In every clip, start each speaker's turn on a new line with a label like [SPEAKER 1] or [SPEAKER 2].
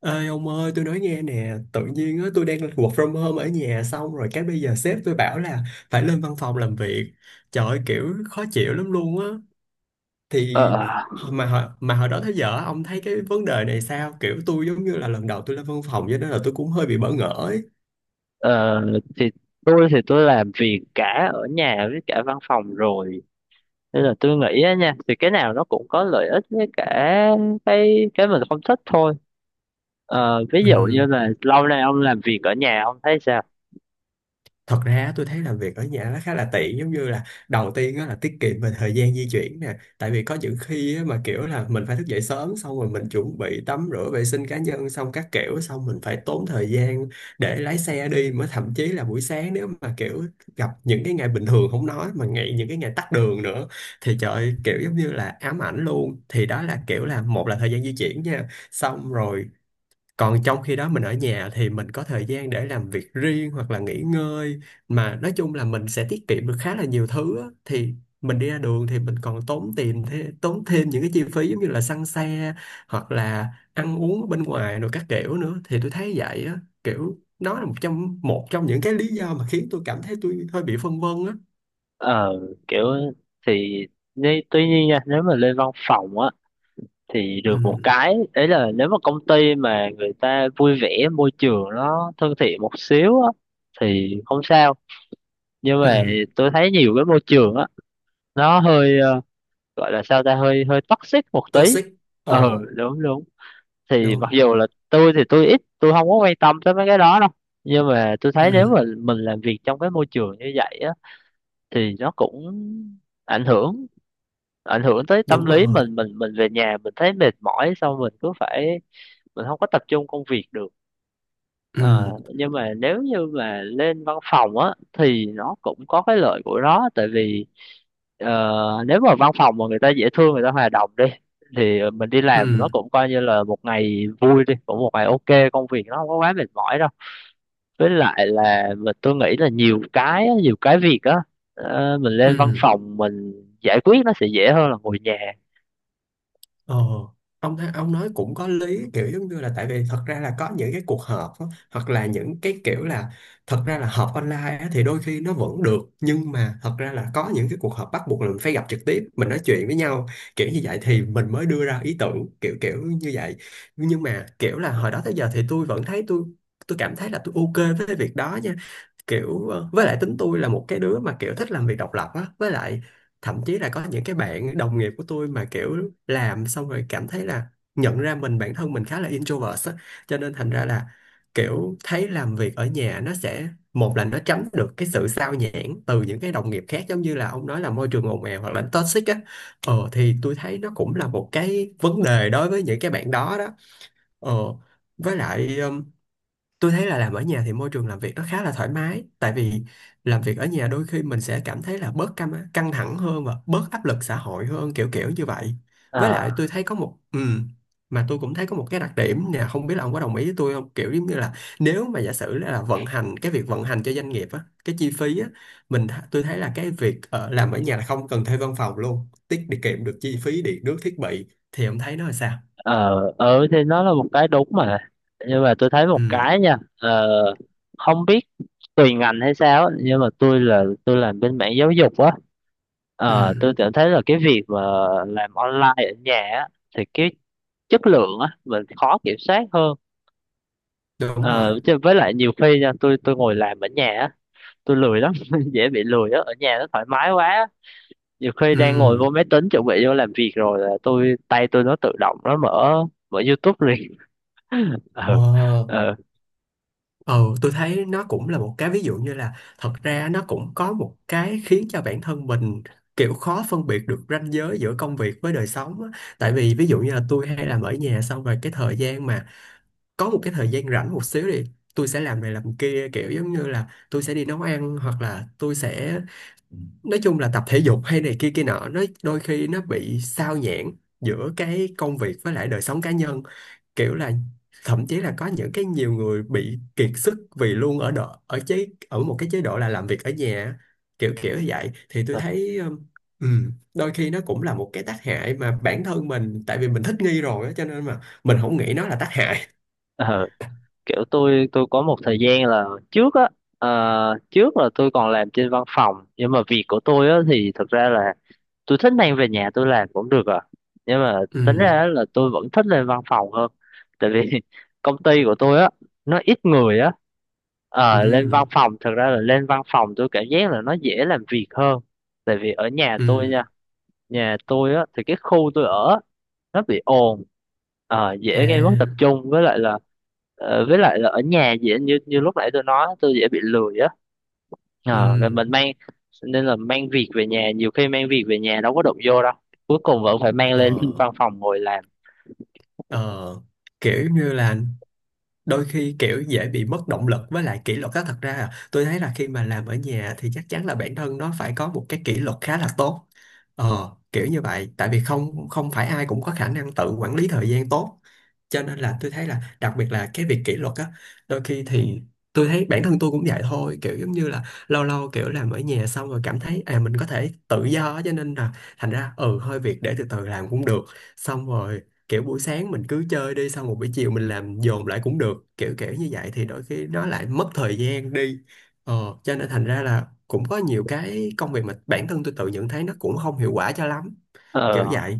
[SPEAKER 1] Ê ông ơi, tôi nói nghe nè. Tự nhiên á, tôi đang work from home ở nhà, xong rồi cái bây giờ sếp tôi bảo là phải lên văn phòng làm việc. Trời ơi, kiểu khó chịu lắm luôn á. Thì
[SPEAKER 2] Ờ,
[SPEAKER 1] mà hồi đó tới giờ á, ông thấy cái vấn đề này sao? Kiểu tôi giống như là lần đầu tôi lên văn phòng, cho nên là tôi cũng hơi bị bỡ ngỡ ấy.
[SPEAKER 2] ờ, thì thì tôi làm việc cả ở nhà với cả văn phòng rồi, nên là tôi nghĩ á nha thì cái nào nó cũng có lợi ích với cả cái mình không thích thôi. Ví
[SPEAKER 1] Ừ.
[SPEAKER 2] dụ như là lâu nay ông làm việc ở nhà ông thấy sao?
[SPEAKER 1] Thật ra tôi thấy làm việc ở nhà nó khá là tiện, giống như là đầu tiên á là tiết kiệm về thời gian di chuyển nè, tại vì có những khi á mà kiểu là mình phải thức dậy sớm, xong rồi mình chuẩn bị tắm rửa vệ sinh cá nhân xong các kiểu, xong mình phải tốn thời gian để lái xe đi, mới thậm chí là buổi sáng nếu mà kiểu gặp những cái ngày bình thường không nói, mà ngày những cái ngày tắc đường nữa thì trời ơi, kiểu giống như là ám ảnh luôn. Thì đó là kiểu là một là thời gian di chuyển nha, xong rồi còn trong khi đó mình ở nhà thì mình có thời gian để làm việc riêng hoặc là nghỉ ngơi, mà nói chung là mình sẽ tiết kiệm được khá là nhiều thứ á. Thì mình đi ra đường thì mình còn tốn tiền thế, tốn thêm những cái chi phí giống như là xăng xe hoặc là ăn uống ở bên ngoài rồi các kiểu nữa. Thì tôi thấy vậy á, kiểu nó là một trong những cái lý do mà khiến tôi cảm thấy tôi hơi bị phân vân á.
[SPEAKER 2] ờ, Kiểu thì tuy nhiên nha, nếu mà lên văn phòng á thì được
[SPEAKER 1] Ừ,
[SPEAKER 2] một cái đấy là nếu mà công ty mà người ta vui vẻ, môi trường nó thân thiện một xíu á thì không sao. Nhưng
[SPEAKER 1] ừ,
[SPEAKER 2] mà tôi thấy nhiều cái môi trường á nó hơi gọi là sao ta, hơi hơi toxic một tí.
[SPEAKER 1] toxic, ờ,
[SPEAKER 2] Ừ, đúng đúng. Thì mặc
[SPEAKER 1] đúng,
[SPEAKER 2] dù là tôi thì tôi ít tôi không có quan tâm tới mấy cái đó đâu, nhưng mà tôi thấy nếu
[SPEAKER 1] ừ,
[SPEAKER 2] mà mình làm việc trong cái môi trường như vậy á thì nó cũng ảnh hưởng ảnh hưởng tới tâm
[SPEAKER 1] đúng
[SPEAKER 2] lý
[SPEAKER 1] rồi,
[SPEAKER 2] mình về nhà mình thấy mệt mỏi, xong mình cứ phải mình không có tập trung công việc được.
[SPEAKER 1] ừ,
[SPEAKER 2] Ờ, nhưng mà nếu như mà lên văn phòng á thì nó cũng có cái lợi của nó, tại vì ờ, nếu mà văn phòng mà người ta dễ thương, người ta hòa đồng đi, thì mình đi làm nó
[SPEAKER 1] ừ,
[SPEAKER 2] cũng coi như là một ngày vui đi, cũng một ngày ok, công việc nó không có quá mệt mỏi đâu. Với lại là tôi nghĩ là nhiều cái việc á mình lên văn
[SPEAKER 1] ừ.
[SPEAKER 2] phòng mình giải quyết nó sẽ dễ hơn là ngồi nhà.
[SPEAKER 1] Ờ, ông nói cũng có lý, kiểu giống như là tại vì thật ra là có những cái cuộc họp á, hoặc là những cái kiểu là thật ra là họp online á, thì đôi khi nó vẫn được, nhưng mà thật ra là có những cái cuộc họp bắt buộc là mình phải gặp trực tiếp, mình nói chuyện với nhau kiểu như vậy thì mình mới đưa ra ý tưởng kiểu kiểu như vậy. Nhưng mà kiểu là hồi đó tới giờ thì tôi vẫn thấy tôi cảm thấy là tôi ok với cái việc đó nha. Kiểu với lại tính tôi là một cái đứa mà kiểu thích làm việc độc lập á, với lại thậm chí là có những cái bạn đồng nghiệp của tôi mà kiểu làm xong rồi cảm thấy là nhận ra bản thân mình khá là introvert á, cho nên thành ra là kiểu thấy làm việc ở nhà nó sẽ một là nó tránh được cái sự sao nhãng từ những cái đồng nghiệp khác, giống như là ông nói là môi trường ồn ào hoặc là toxic á. Ờ thì tôi thấy nó cũng là một cái vấn đề đối với những cái bạn đó đó. Ờ, với lại tôi thấy là làm ở nhà thì môi trường làm việc nó khá là thoải mái, tại vì làm việc ở nhà đôi khi mình sẽ cảm thấy là bớt căng căng thẳng hơn và bớt áp lực xã hội hơn, kiểu kiểu như vậy. Với
[SPEAKER 2] ờ
[SPEAKER 1] lại tôi thấy có một mà tôi cũng thấy có một cái đặc điểm nè, không biết là ông có đồng ý với tôi không, kiểu giống như là nếu mà giả sử là vận hành cái việc vận hành cho doanh nghiệp á, cái chi phí á, tôi thấy là cái việc làm ở nhà là không cần thuê văn phòng luôn, tiết đi kiệm được chi phí điện nước thiết bị. Thì ông thấy nó là sao?
[SPEAKER 2] ờ, thì nó là một cái đúng mà, nhưng mà tôi thấy một
[SPEAKER 1] Ừ,
[SPEAKER 2] cái nha. Ờ, Không biết tùy ngành hay sao á, nhưng mà tôi là tôi làm bên mảng giáo dục á.
[SPEAKER 1] ừ,
[SPEAKER 2] Tôi cảm thấy là cái việc mà làm online ở nhà á thì cái chất lượng á mình khó kiểm soát hơn.
[SPEAKER 1] đúng rồi,
[SPEAKER 2] Ờ, Chứ với lại nhiều khi nha, tôi ngồi làm ở nhà á tôi lười lắm. Dễ bị lười á, ở nhà nó thoải mái quá á. Nhiều khi đang ngồi vô
[SPEAKER 1] ừ.
[SPEAKER 2] máy tính chuẩn bị vô làm việc rồi là tôi tay tôi nó tự động nó mở mở YouTube liền. ừ,
[SPEAKER 1] Ờ,
[SPEAKER 2] ừ,
[SPEAKER 1] ừ, tôi thấy nó cũng là một cái ví dụ như là thật ra nó cũng có một cái khiến cho bản thân mình kiểu khó phân biệt được ranh giới giữa công việc với đời sống á. Tại vì ví dụ như là tôi hay làm ở nhà xong rồi cái thời gian mà có một cái thời gian rảnh một xíu thì tôi sẽ làm này làm kia, kiểu giống như là tôi sẽ đi nấu ăn hoặc là tôi sẽ nói chung là tập thể dục hay này kia kia nọ, nó đôi khi nó bị sao nhãng giữa cái công việc với lại đời sống cá nhân, kiểu là thậm chí là có những cái nhiều người bị kiệt sức vì luôn ở độ ở chế ở một cái chế độ là làm việc ở nhà kiểu kiểu như vậy. Thì tôi thấy đôi khi nó cũng là một cái tác hại mà bản thân mình, tại vì mình thích nghi rồi á cho nên mà mình không nghĩ nó là tác hại.
[SPEAKER 2] ừ. Kiểu tôi có một thời gian là trước á, ờ, trước là tôi còn làm trên văn phòng nhưng mà việc của tôi á thì thật ra là tôi thích mang về nhà tôi làm cũng được à. Nhưng mà tính ra
[SPEAKER 1] Ừm,
[SPEAKER 2] á là tôi vẫn thích lên văn phòng hơn, tại vì công ty của tôi á nó ít người á. Ờ, lên văn
[SPEAKER 1] ừm,
[SPEAKER 2] phòng, thật ra là lên văn phòng tôi cảm giác là nó dễ làm việc hơn. Tại vì ở nhà tôi,
[SPEAKER 1] ừm,
[SPEAKER 2] nhà tôi á thì cái khu tôi ở á nó bị ồn, dễ gây mất tập
[SPEAKER 1] à,
[SPEAKER 2] trung. Với lại là với lại là ở nhà dễ, như như lúc nãy tôi nói tôi dễ bị lười á. Ờ, rồi
[SPEAKER 1] ừm,
[SPEAKER 2] mình mang, nên là mang việc về nhà, nhiều khi mang việc về nhà đâu có đụng vô đâu, cuối cùng vẫn phải mang
[SPEAKER 1] ờ,
[SPEAKER 2] lên văn phòng ngồi làm.
[SPEAKER 1] ờ, kiểu như là đôi khi kiểu dễ bị mất động lực với lại kỷ luật á. Thật ra à, tôi thấy là khi mà làm ở nhà thì chắc chắn là bản thân nó phải có một cái kỷ luật khá là tốt. Ờ kiểu như vậy, tại vì không không phải ai cũng có khả năng tự quản lý thời gian tốt, cho nên là tôi thấy là đặc biệt là cái việc kỷ luật á, đôi khi thì tôi thấy bản thân tôi cũng vậy thôi, kiểu giống như là lâu lâu kiểu làm ở nhà xong rồi cảm thấy à mình có thể tự do á, cho nên là thành ra ừ hơi việc để từ từ làm cũng được, xong rồi kiểu buổi sáng mình cứ chơi đi, xong một buổi chiều mình làm dồn lại cũng được, kiểu kiểu như vậy thì đôi khi nó lại mất thời gian đi. Ờ, cho nên thành ra là cũng có nhiều cái công việc mà bản thân tôi tự nhận thấy nó cũng không hiệu quả cho lắm,
[SPEAKER 2] Ờ,
[SPEAKER 1] kiểu vậy.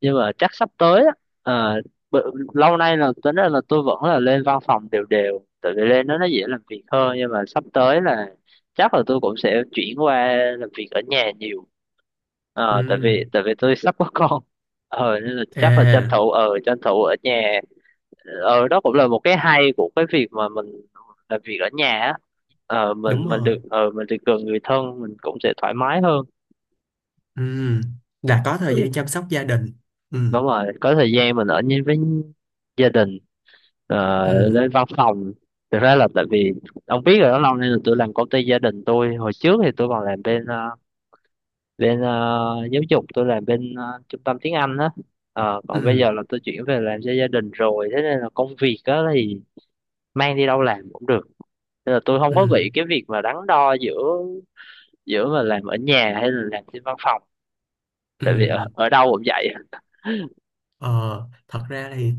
[SPEAKER 2] nhưng mà chắc sắp tới á ờ, lâu nay là tính ra là tôi vẫn là lên văn phòng đều đều tại vì lên đó nó dễ làm việc hơn, nhưng mà sắp tới là chắc là tôi cũng sẽ chuyển qua làm việc ở nhà nhiều.
[SPEAKER 1] Ừ,
[SPEAKER 2] Ờ, tại vì tôi sắp có con. Ờ nên là chắc là
[SPEAKER 1] à,
[SPEAKER 2] tranh thủ ở nhà. Ờ, đó cũng là một cái hay của cái việc mà mình làm việc ở nhà á. Ờ mình
[SPEAKER 1] đúng
[SPEAKER 2] mình
[SPEAKER 1] rồi,
[SPEAKER 2] được, mình được gần người thân mình cũng sẽ thoải mái hơn.
[SPEAKER 1] ừ, là có
[SPEAKER 2] Ừ,
[SPEAKER 1] thời gian chăm sóc gia đình, ừ,
[SPEAKER 2] đúng rồi, có thời gian mình ở với gia đình.
[SPEAKER 1] ừ,
[SPEAKER 2] Lên văn phòng thực ra là tại vì ông biết rồi đó, lâu nay là tôi làm công ty gia đình tôi. Hồi trước thì tôi còn làm bên bên, giáo dục, tôi làm bên trung tâm tiếng Anh đó. Ờ,
[SPEAKER 1] ừ,
[SPEAKER 2] còn bây giờ là tôi chuyển về làm cho gia đình rồi, thế nên là công việc đó thì mang đi đâu làm cũng được, nên là tôi không có
[SPEAKER 1] ừ,
[SPEAKER 2] bị cái việc mà đắn đo giữa giữa mà làm ở nhà hay là làm trên văn phòng, tại vì
[SPEAKER 1] ừ.
[SPEAKER 2] ở đâu cũng vậy.
[SPEAKER 1] Ờ, thật ra thì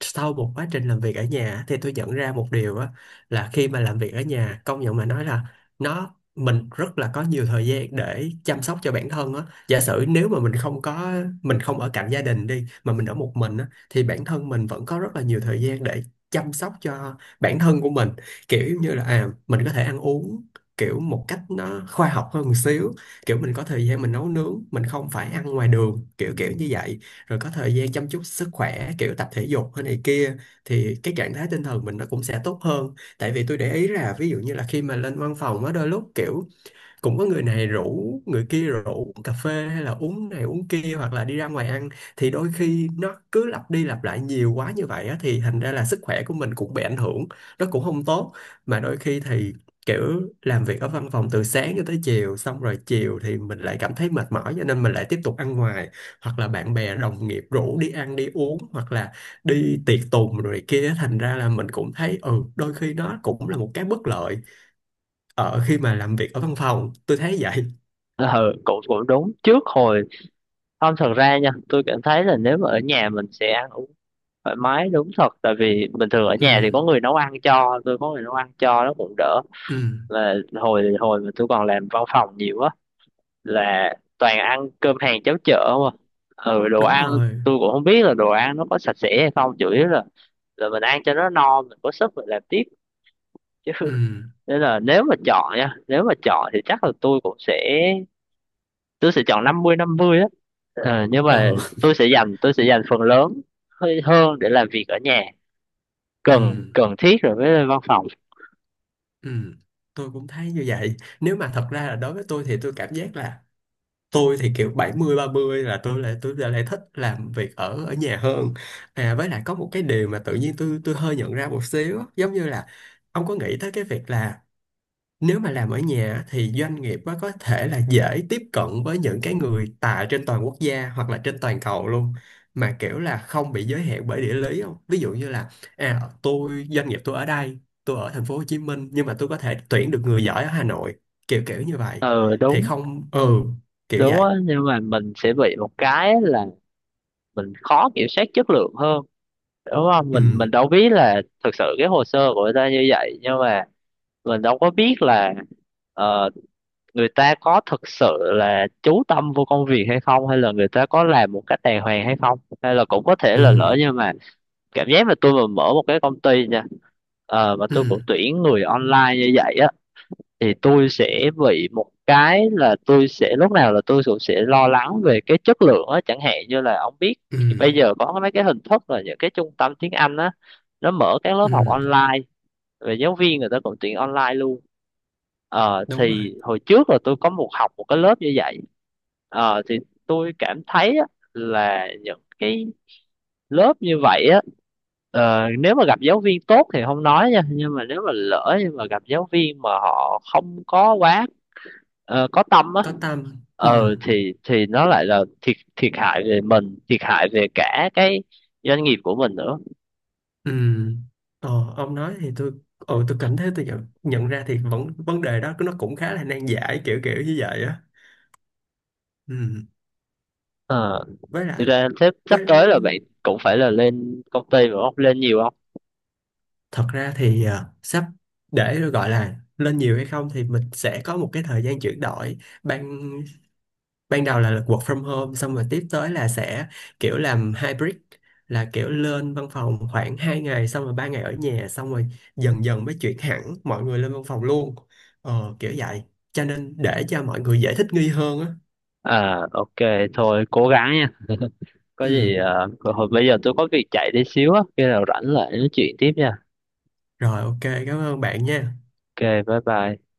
[SPEAKER 1] sau một quá trình làm việc ở nhà thì tôi nhận ra một điều á, là khi mà làm việc ở nhà, công nhận mà nói là nó mình rất là có nhiều thời gian để chăm sóc cho bản thân á. Giả sử nếu mà mình không ở cạnh gia đình đi, mà mình ở một mình á, thì bản thân mình vẫn có rất là nhiều thời gian để chăm sóc cho bản thân của mình. Kiểu như là à mình có thể ăn uống kiểu một cách nó khoa học hơn một xíu, kiểu mình có thời gian mình nấu nướng, mình không phải ăn ngoài đường kiểu kiểu như vậy, rồi có thời gian chăm chút sức khỏe kiểu tập thể dục hay này kia, thì cái trạng thái tinh thần mình nó cũng sẽ tốt hơn. Tại vì tôi để ý là ví dụ như là khi mà lên văn phòng á, đôi lúc kiểu cũng có người này rủ người kia rủ cà phê hay là uống này uống kia, hoặc là đi ra ngoài ăn, thì đôi khi nó cứ lặp đi lặp lại nhiều quá như vậy á, thì thành ra là sức khỏe của mình cũng bị ảnh hưởng, nó cũng không tốt. Mà đôi khi thì kiểu làm việc ở văn phòng từ sáng cho tới chiều, xong rồi chiều thì mình lại cảm thấy mệt mỏi, cho nên mình lại tiếp tục ăn ngoài hoặc là bạn bè đồng nghiệp rủ đi ăn đi uống hoặc là đi tiệc tùng rồi kia. Thành ra là mình cũng thấy ừ đôi khi nó cũng là một cái bất lợi ở khi mà làm việc ở văn phòng, tôi thấy vậy.
[SPEAKER 2] À, ừ, cũng cũng đúng. Trước hồi Không, thật ra nha, tôi cảm thấy là nếu mà ở nhà mình sẽ ăn uống thoải mái đúng thật. Tại vì bình thường ở
[SPEAKER 1] Ừ,
[SPEAKER 2] nhà thì có người nấu ăn cho, nó cũng đỡ.
[SPEAKER 1] ừ,
[SPEAKER 2] Là hồi hồi mà tôi còn làm văn phòng nhiều á, là toàn ăn cơm hàng cháo chợ mà. Ừ, đồ
[SPEAKER 1] đúng
[SPEAKER 2] ăn
[SPEAKER 1] rồi,
[SPEAKER 2] tôi cũng không biết là đồ ăn nó có sạch sẽ hay không, chủ yếu là mình ăn cho nó no, mình có sức mình làm tiếp. Chứ
[SPEAKER 1] ừ,
[SPEAKER 2] nên là nếu mà chọn nha, nếu mà chọn thì chắc là tôi sẽ chọn 50-50 á. Ờ, nhưng mà
[SPEAKER 1] ờ,
[SPEAKER 2] tôi sẽ dành phần lớn hơi hơn để làm việc ở nhà,
[SPEAKER 1] ừ,
[SPEAKER 2] cần cần thiết rồi mới lên văn phòng.
[SPEAKER 1] ừ, tôi cũng thấy như vậy. Nếu mà thật ra là đối với tôi thì tôi cảm giác là tôi thì kiểu 70/30 là tôi lại thích làm việc ở ở nhà hơn. À, với lại có một cái điều mà tự nhiên tôi hơi nhận ra một xíu, giống như là ông có nghĩ tới cái việc là nếu mà làm ở nhà thì doanh nghiệp á, có thể là dễ tiếp cận với những cái người tại trên toàn quốc gia hoặc là trên toàn cầu luôn, mà kiểu là không bị giới hạn bởi địa lý, không? Ví dụ như là à doanh nghiệp tôi ở đây, tôi ở thành phố Hồ Chí Minh nhưng mà tôi có thể tuyển được người giỏi ở Hà Nội, kiểu kiểu như vậy
[SPEAKER 2] Ừ
[SPEAKER 1] thì
[SPEAKER 2] đúng,
[SPEAKER 1] không, ừ, kiểu
[SPEAKER 2] đúng
[SPEAKER 1] vậy.
[SPEAKER 2] á, nhưng mà mình sẽ bị một cái là mình khó kiểm soát chất lượng hơn, đúng không?
[SPEAKER 1] Ừ,
[SPEAKER 2] Mình đâu biết là thực sự cái hồ sơ của người ta như vậy nhưng mà mình đâu có biết là ờ, người ta có thực sự là chú tâm vô công việc hay không, hay là người ta có làm một cách đàng hoàng hay không, hay là cũng có thể
[SPEAKER 1] ừ,
[SPEAKER 2] là lỡ nhưng mà cảm giác là tôi mà mở một cái công ty nha, mà
[SPEAKER 1] ừ,
[SPEAKER 2] tôi cũng tuyển người online như vậy á thì tôi sẽ bị một cái là tôi sẽ lúc nào là tôi cũng sẽ lo lắng về cái chất lượng á. Chẳng hạn như là ông biết
[SPEAKER 1] ừ,
[SPEAKER 2] bây giờ có mấy cái hình thức là những cái trung tâm tiếng Anh á, nó mở các lớp học
[SPEAKER 1] ừ,
[SPEAKER 2] online, về giáo viên người ta cũng tuyển online luôn. Ờ,
[SPEAKER 1] đúng rồi,
[SPEAKER 2] thì hồi trước là tôi có học một cái lớp như vậy. Ờ, thì tôi cảm thấy á là những cái lớp như vậy á nếu mà gặp giáo viên tốt thì không nói nha, nhưng mà gặp giáo viên mà họ không có quá có tâm á,
[SPEAKER 1] có tâm, ừ,
[SPEAKER 2] ờ thì nó lại là thiệt, thiệt hại về mình thiệt hại về cả cái doanh nghiệp của mình nữa.
[SPEAKER 1] ừ. Ờ, ông nói thì tôi cảm thấy tôi nhận ra thì vẫn vấn đề đó nó cũng khá là nan giải, kiểu kiểu như vậy á. Ừ.
[SPEAKER 2] Ờ,
[SPEAKER 1] với
[SPEAKER 2] thực
[SPEAKER 1] lại
[SPEAKER 2] ra sắp sắp
[SPEAKER 1] với
[SPEAKER 2] tới là bạn cũng phải là lên công ty mà không, lên nhiều không?
[SPEAKER 1] Thật ra thì à, sắp để gọi là lên nhiều hay không thì mình sẽ có một cái thời gian chuyển đổi. Ban Ban đầu là work from home, xong rồi tiếp tới là sẽ kiểu làm hybrid, là kiểu lên văn phòng khoảng 2 ngày xong rồi 3 ngày ở nhà, xong rồi dần dần mới chuyển hẳn mọi người lên văn phòng luôn. Ờ, kiểu vậy, cho nên để cho mọi người dễ thích nghi hơn á.
[SPEAKER 2] À ok, thôi cố gắng nha. Có
[SPEAKER 1] Ừ.
[SPEAKER 2] gì ờ, hồi bây giờ tôi có việc chạy đi xíu á, khi nào rảnh lại nói chuyện tiếp nha.
[SPEAKER 1] Rồi ok, cảm ơn bạn nha.
[SPEAKER 2] Ok, bye bye.